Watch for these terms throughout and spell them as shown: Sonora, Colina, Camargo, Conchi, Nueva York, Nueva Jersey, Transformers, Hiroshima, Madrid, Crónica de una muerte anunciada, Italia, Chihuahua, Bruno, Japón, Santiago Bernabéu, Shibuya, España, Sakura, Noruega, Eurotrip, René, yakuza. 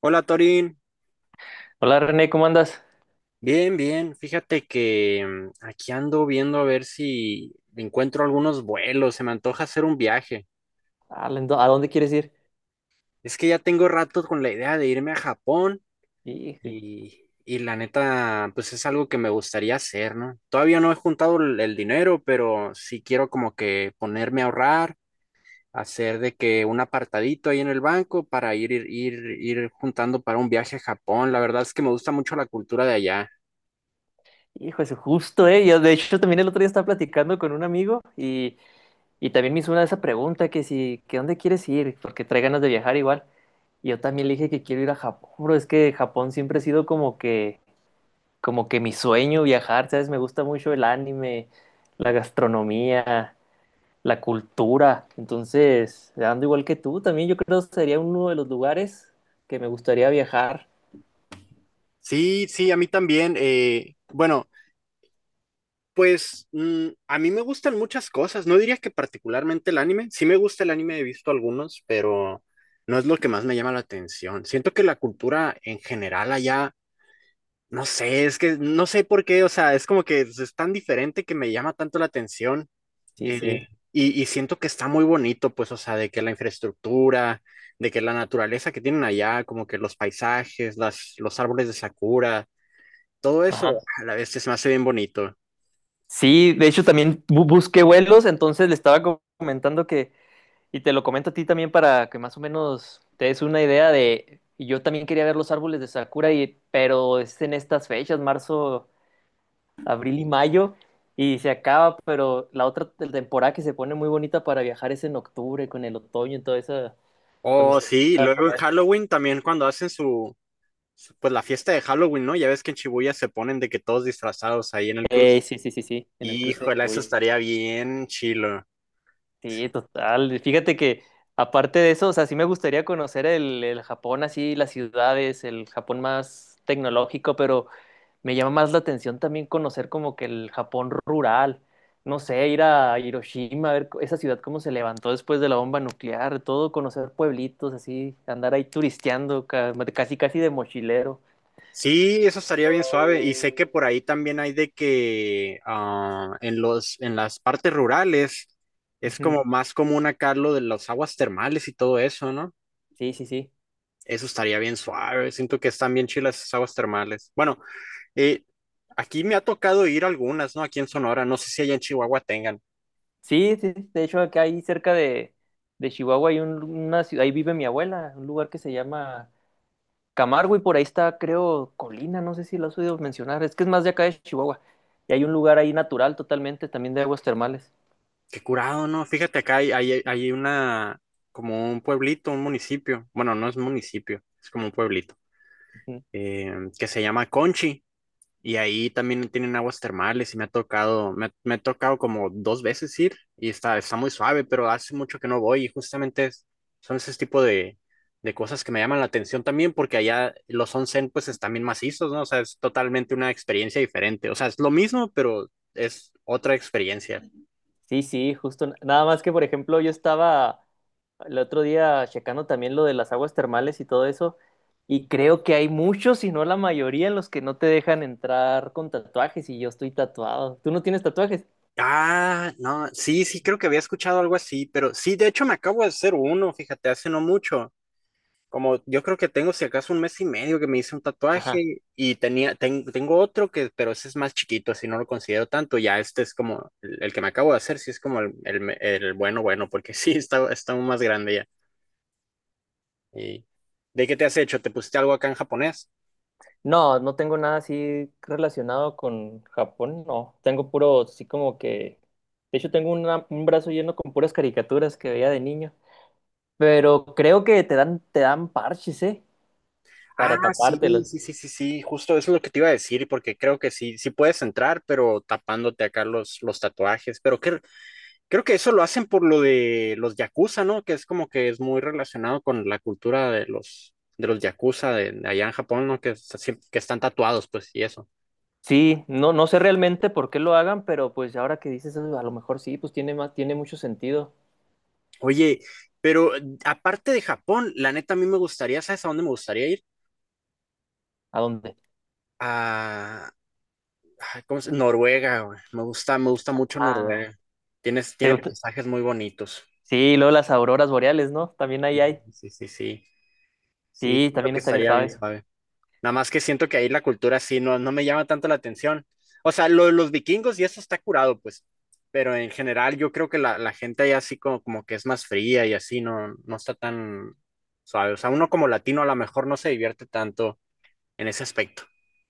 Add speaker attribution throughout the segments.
Speaker 1: Hola Torín,
Speaker 2: Hola René, ¿cómo andas?
Speaker 1: bien, bien. Fíjate que aquí ando viendo a ver si encuentro algunos vuelos. Se me antoja hacer un viaje.
Speaker 2: Ah, ¿A dónde quieres ir?
Speaker 1: Es que ya tengo rato con la idea de irme a Japón
Speaker 2: Hijo,
Speaker 1: y la neta, pues es algo que me gustaría hacer, ¿no? Todavía no he juntado el dinero, pero sí quiero como que ponerme a ahorrar, hacer de que un apartadito ahí en el banco para ir juntando para un viaje a Japón. La verdad es que me gusta mucho la cultura de allá.
Speaker 2: hijo, eso justo, ¿eh? Yo, de hecho, también el otro día estaba platicando con un amigo y también me hizo una de esa pregunta que si, que dónde quieres ir, porque trae ganas de viajar igual. Y yo también le dije que quiero ir a Japón, bro, es que Japón siempre ha sido como que mi sueño viajar, ¿sabes? Me gusta mucho el anime, la gastronomía, la cultura. Entonces, ando igual que tú, también yo creo que sería uno de los lugares que me gustaría viajar.
Speaker 1: Sí, sí, a mí también. Bueno, pues a mí me gustan muchas cosas. No diría que particularmente el anime. Sí me gusta el anime, he visto algunos, pero no es lo que más me llama la atención. Siento que la cultura en general allá, no sé, es que no sé por qué, o sea, es como que es tan diferente que me llama tanto la atención.
Speaker 2: Sí,
Speaker 1: eh,
Speaker 2: sí.
Speaker 1: y siento que está muy bonito, pues, o sea, de que la infraestructura, de que la naturaleza que tienen allá, como que los paisajes, los árboles de sakura, todo eso
Speaker 2: Ajá.
Speaker 1: a la vez se me hace bien bonito.
Speaker 2: Sí, de hecho también busqué vuelos, entonces le estaba comentando que, y te lo comento a ti también para que más o menos te des una idea de, y yo también quería ver los árboles de Sakura, y, pero es en estas fechas, marzo, abril y mayo, y se acaba, pero la otra temporada que se pone muy bonita para viajar es en octubre, con el otoño y todo eso, cuando
Speaker 1: Oh,
Speaker 2: se
Speaker 1: sí, y
Speaker 2: empieza a
Speaker 1: luego en
Speaker 2: poner.
Speaker 1: Halloween también cuando hacen pues la fiesta de Halloween, ¿no? Ya ves que en Shibuya se ponen de que todos disfrazados ahí en el cruce.
Speaker 2: Sí, sí, sí, sí, en el cruce de
Speaker 1: Híjole, eso
Speaker 2: Shibuya.
Speaker 1: estaría bien chilo.
Speaker 2: Sí, total. Fíjate que aparte de eso, o sea, sí me gustaría conocer el Japón así, las ciudades, el Japón más tecnológico, pero me llama más la atención también conocer como que el Japón rural. No sé, ir a Hiroshima, a ver esa ciudad cómo se levantó después de la bomba nuclear, todo, conocer pueblitos así, andar ahí turisteando, casi casi de mochilero.
Speaker 1: Sí, eso estaría bien suave. Y sé que por ahí también hay de que ah, en las partes rurales es
Speaker 2: Ujú.
Speaker 1: como más común acá lo de las aguas termales y todo eso, ¿no?
Speaker 2: Sí, sí, sí.
Speaker 1: Eso estaría bien suave. Siento que están bien chilas esas aguas termales. Bueno, Eh, aquí me ha tocado ir a algunas, ¿no? Aquí en Sonora, no sé si allá en Chihuahua tengan.
Speaker 2: Sí, sí, sí. De hecho acá ahí cerca de Chihuahua hay una ciudad, ahí vive mi abuela, un lugar que se llama Camargo y por ahí está, creo, Colina, no sé si lo has oído mencionar, es que es más de acá de Chihuahua. Y hay un lugar ahí natural totalmente, también de aguas termales.
Speaker 1: Qué curado, ¿no? Fíjate acá hay una, como un pueblito, un municipio. Bueno, no es municipio, es como un pueblito,
Speaker 2: Ujú.
Speaker 1: eh, que se llama Conchi. Y ahí también tienen aguas termales y me ha tocado, me ha tocado como dos veces ir y está muy suave, pero hace mucho que no voy y justamente son ese tipo de cosas que me llaman la atención también porque allá los onsen pues están bien macizos, ¿no? O sea, es totalmente una experiencia diferente. O sea, es lo mismo, pero es otra experiencia.
Speaker 2: Sí, sí, justo. Nada más que, por ejemplo, yo estaba el otro día checando también lo de las aguas termales y todo eso, y creo que hay muchos, si no la mayoría, en los que no te dejan entrar con tatuajes y yo estoy tatuado. ¿Tú no tienes tatuajes?
Speaker 1: Ah, no, sí, sí, creo que había escuchado algo así, pero sí, de hecho me acabo de hacer uno, fíjate, hace no mucho. Como yo creo que tengo si acaso un mes y medio que me hice un
Speaker 2: Ajá.
Speaker 1: tatuaje y tengo otro que, pero ese es más chiquito, así no lo considero tanto. Ya este es como el que me acabo de hacer, sí es como el, bueno, bueno, porque sí, está aún más grande ya. Y ¿de qué te has hecho? ¿Te pusiste algo acá en japonés?
Speaker 2: No, no tengo nada así relacionado con Japón, no. Tengo puro, así como que… De hecho, tengo un brazo lleno con puras caricaturas que veía de niño. Pero creo que te dan parches, ¿eh?
Speaker 1: Ah,
Speaker 2: Para
Speaker 1: sí,
Speaker 2: tapártelos.
Speaker 1: sí, sí, sí, sí, justo eso es lo que te iba a decir, porque creo que sí, sí puedes entrar, pero tapándote acá los tatuajes. Pero ¿qué, creo que eso lo hacen por lo de los yakuza, ¿no? Que es como que es muy relacionado con la cultura de de los yakuza de allá en Japón, ¿no? Que, que están tatuados, pues, y eso.
Speaker 2: Sí, no, no sé realmente por qué lo hagan, pero pues ahora que dices eso, a lo mejor sí, pues tiene más, tiene mucho sentido.
Speaker 1: Oye, pero aparte de Japón, la neta a mí me gustaría, ¿sabes a dónde me gustaría ir?
Speaker 2: ¿A dónde?
Speaker 1: A, ay, Noruega, güey. Me gusta mucho
Speaker 2: Ah,
Speaker 1: Noruega.
Speaker 2: ¿te
Speaker 1: Tiene
Speaker 2: gusta?
Speaker 1: paisajes muy bonitos.
Speaker 2: Sí, luego las auroras boreales, ¿no? También ahí
Speaker 1: Sí,
Speaker 2: hay.
Speaker 1: sí, sí, sí. Sí,
Speaker 2: Sí,
Speaker 1: creo
Speaker 2: también
Speaker 1: que
Speaker 2: estaría
Speaker 1: estaría bien,
Speaker 2: suave.
Speaker 1: suave. Nada más que siento que ahí la cultura sí no, no me llama tanto la atención. O sea, lo de los vikingos y eso está curado, pues. Pero en general yo creo que la gente ahí así como, como que es más fría y así no, no está tan suave. O sea, uno como latino a lo mejor no se divierte tanto en ese aspecto.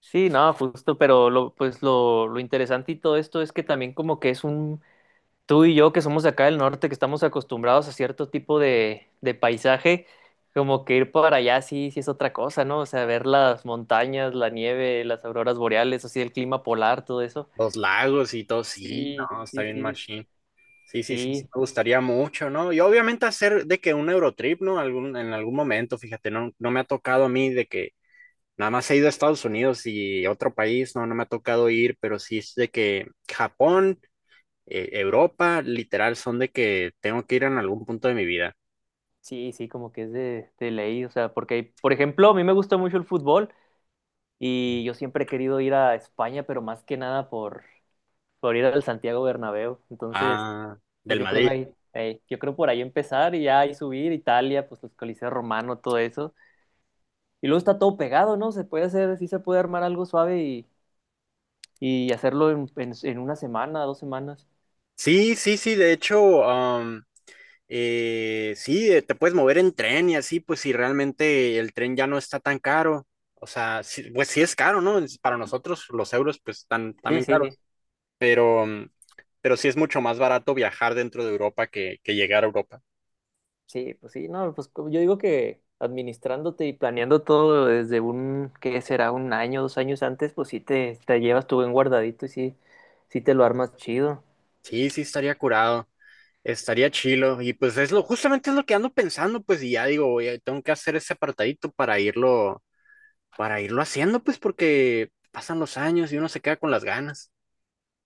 Speaker 2: Sí, no, justo, pero lo, pues lo interesante y todo esto es que también como que es un, tú y yo que somos de acá del norte, que estamos acostumbrados a cierto tipo de paisaje, como que ir para allá sí, sí es otra cosa, ¿no? O sea, ver las montañas, la nieve, las auroras boreales, así el clima polar, todo eso.
Speaker 1: Los lagos y todo, sí,
Speaker 2: Sí,
Speaker 1: no, está
Speaker 2: sí,
Speaker 1: bien
Speaker 2: sí, de-
Speaker 1: machine. Sí, sí, sí, sí,
Speaker 2: sí,
Speaker 1: me gustaría mucho, ¿no? Y obviamente hacer de que un Eurotrip, ¿no? Algún, en algún momento, fíjate, no, no me ha tocado a mí de que nada más he ido a Estados Unidos y otro país, no, no me ha tocado ir, pero sí es de que Japón, Europa, literal, son de que tengo que ir en algún punto de mi vida.
Speaker 2: sí, sí, como que es de ley, o sea, porque, por ejemplo, a mí me gusta mucho el fútbol y yo siempre he querido ir a España, pero más que nada por ir al Santiago Bernabéu. Entonces,
Speaker 1: Ah, del
Speaker 2: pues yo creo
Speaker 1: Madrid.
Speaker 2: ahí, yo creo por ahí empezar y ya ahí subir Italia, pues los coliseos romanos, todo eso. Y luego está todo pegado, ¿no? Se puede hacer, sí se puede armar algo suave y hacerlo en una semana, dos semanas.
Speaker 1: Sí, sí, sí, de hecho, sí, te puedes mover en tren y así, pues si realmente el tren ya no está tan caro. O sea, sí, pues sí es caro, ¿no? Para nosotros los euros pues están
Speaker 2: Sí,
Speaker 1: también
Speaker 2: sí,
Speaker 1: caros,
Speaker 2: sí.
Speaker 1: pero, pero sí es mucho más barato viajar dentro de Europa que llegar a Europa.
Speaker 2: Sí, pues sí, no, pues yo digo que administrándote y planeando todo desde un, ¿qué será? Un año, dos años antes, pues sí te llevas tu buen guardadito y sí, sí te lo armas chido.
Speaker 1: Sí, sí, estaría curado, estaría chilo. Y pues es lo, justamente es lo que ando pensando, pues, y ya digo, oye, tengo que hacer ese apartadito para irlo haciendo, pues, porque pasan los años y uno se queda con las ganas.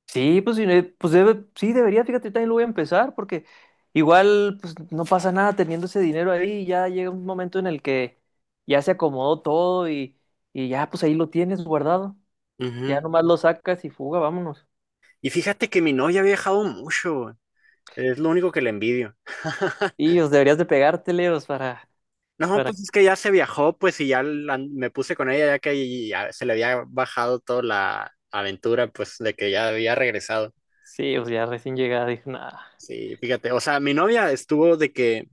Speaker 2: Sí, pues, sí, pues sí, debería, fíjate, yo también lo voy a empezar porque igual pues no pasa nada teniendo ese dinero ahí, ya llega un momento en el que ya se acomodó todo y ya pues ahí lo tienes guardado, ya
Speaker 1: Ujú.
Speaker 2: nomás lo sacas y fuga, vámonos.
Speaker 1: Y fíjate que mi novia ha viajado mucho, güey. Es lo único que le envidio.
Speaker 2: Y os deberías de pegártele, os
Speaker 1: No,
Speaker 2: para,
Speaker 1: pues es que ya se viajó, pues, y ya me puse con ella, ya que ahí ya se le había bajado toda la aventura, pues, de que ya había regresado.
Speaker 2: sí, os ya recién llegada, dije, nada,
Speaker 1: Sí, fíjate, o sea, mi novia estuvo de que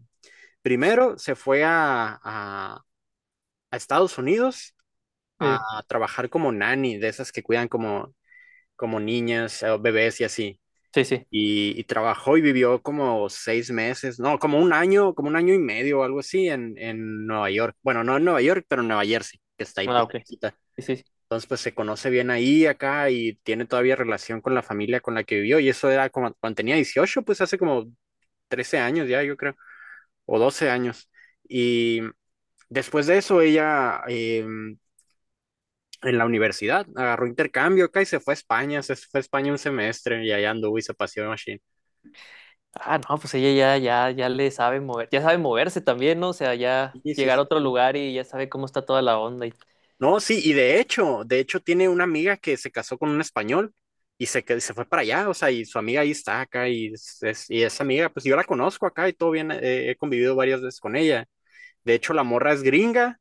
Speaker 1: primero se fue a Estados Unidos a
Speaker 2: sí,
Speaker 1: trabajar como nanny, de esas que cuidan como, como niñas, bebés y así.
Speaker 2: sí, sí,
Speaker 1: Y trabajó y vivió como 6 meses, no, como un año y medio o algo así en Nueva York. Bueno, no en Nueva York, pero en Nueva Jersey, que está ahí
Speaker 2: ah,
Speaker 1: pues
Speaker 2: ok,
Speaker 1: cerquita.
Speaker 2: sí, sí, sí.
Speaker 1: Entonces pues se conoce bien ahí, acá, y tiene todavía relación con la familia con la que vivió. Y eso era como cuando tenía 18, pues hace como 13 años ya, yo creo, o 12 años. Y después de eso, ella en la universidad agarró intercambio acá y se fue a España, se fue a España un semestre y allá anduvo y se paseó en Machine.
Speaker 2: Ah, no, pues ella ya, ya, ya le sabe mover, ya sabe moverse también, ¿no? O sea, ya
Speaker 1: Sí, sí,
Speaker 2: llegar a
Speaker 1: sí,
Speaker 2: otro
Speaker 1: sí.
Speaker 2: lugar y ya sabe cómo está toda la onda y…
Speaker 1: No, sí, y de hecho tiene una amiga que se casó con un español y se, se fue para allá, o sea, y su amiga ahí está acá y, y esa amiga, pues yo la conozco acá y todo bien, he convivido varias veces con ella. De hecho, la morra es gringa,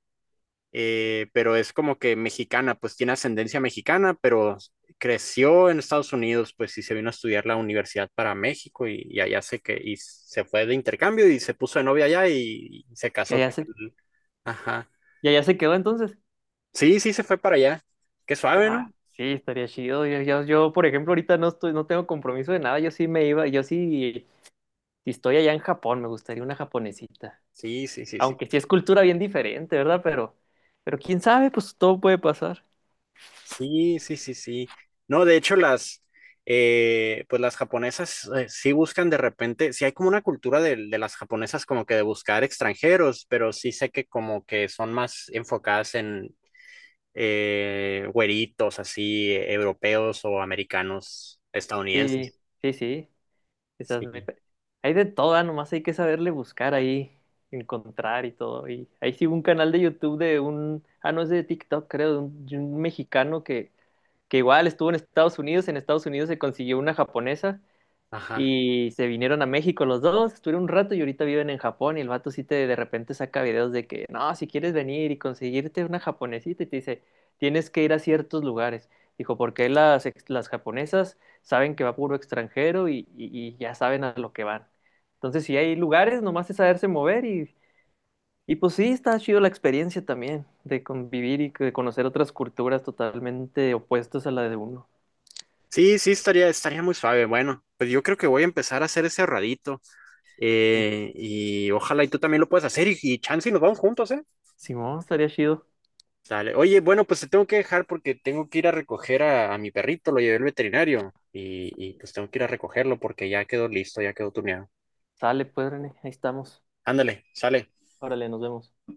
Speaker 1: pero es como que mexicana, pues tiene ascendencia mexicana, pero creció en Estados Unidos, pues sí se vino a estudiar la universidad para México y allá se que y se fue de intercambio y se puso de novia allá y se
Speaker 2: Ya,
Speaker 1: casó.
Speaker 2: ya se,
Speaker 1: Ajá.
Speaker 2: y allá se quedó entonces.
Speaker 1: Sí, sí, se fue para allá. Qué suave, ¿no?
Speaker 2: Ah, sí, estaría chido. Yo, por ejemplo, ahorita no estoy, no tengo compromiso de nada. Yo sí me iba, yo sí, si estoy allá en Japón, me gustaría una japonesita.
Speaker 1: Sí, sí, sí, sí.
Speaker 2: Aunque sí es cultura bien diferente, ¿verdad? Pero quién sabe, pues todo puede pasar.
Speaker 1: Sí, sí, sí, sí. No, de hecho, pues las japonesas sí buscan de repente, sí hay como una cultura de las japonesas como que de buscar extranjeros, pero sí sé que como que son más enfocadas en güeritos así, europeos o americanos,
Speaker 2: Sí,
Speaker 1: estadounidenses.
Speaker 2: sí, sí. Quizás me…
Speaker 1: Sí,
Speaker 2: Hay de todo, ah, nomás hay que saberle buscar ahí, encontrar y todo. Y ahí sí un canal de YouTube de un, ah, no es de TikTok, creo, de un mexicano que igual estuvo en Estados Unidos se consiguió una japonesa
Speaker 1: ajá.
Speaker 2: y se vinieron a México los dos, estuvieron un rato y ahorita viven en Japón y el vato sí te de repente saca videos de que, no, si quieres venir y conseguirte una japonesita y te dice, tienes que ir a ciertos lugares. Dijo, porque las, las japonesas saben que va puro extranjero y ya saben a lo que van. Entonces, si hay lugares, nomás es saberse mover y pues sí, está chido la experiencia también de convivir y de conocer otras culturas totalmente opuestas a la de uno.
Speaker 1: Sí, sí, estaría, estaría muy suave. Bueno, pues yo creo que voy a empezar a hacer ese ahorradito,
Speaker 2: Sí,
Speaker 1: y ojalá y tú también lo puedas hacer y chance y nos vamos juntos, ¿eh?
Speaker 2: Simón, estaría chido.
Speaker 1: Sale. Oye, bueno, pues te tengo que dejar porque tengo que ir a recoger a mi perrito, lo llevé al veterinario y pues tengo que ir a recogerlo porque ya quedó listo, ya quedó tuneado.
Speaker 2: Sale, pues, René, ahí estamos.
Speaker 1: Ándale, sale.
Speaker 2: Órale, nos vemos.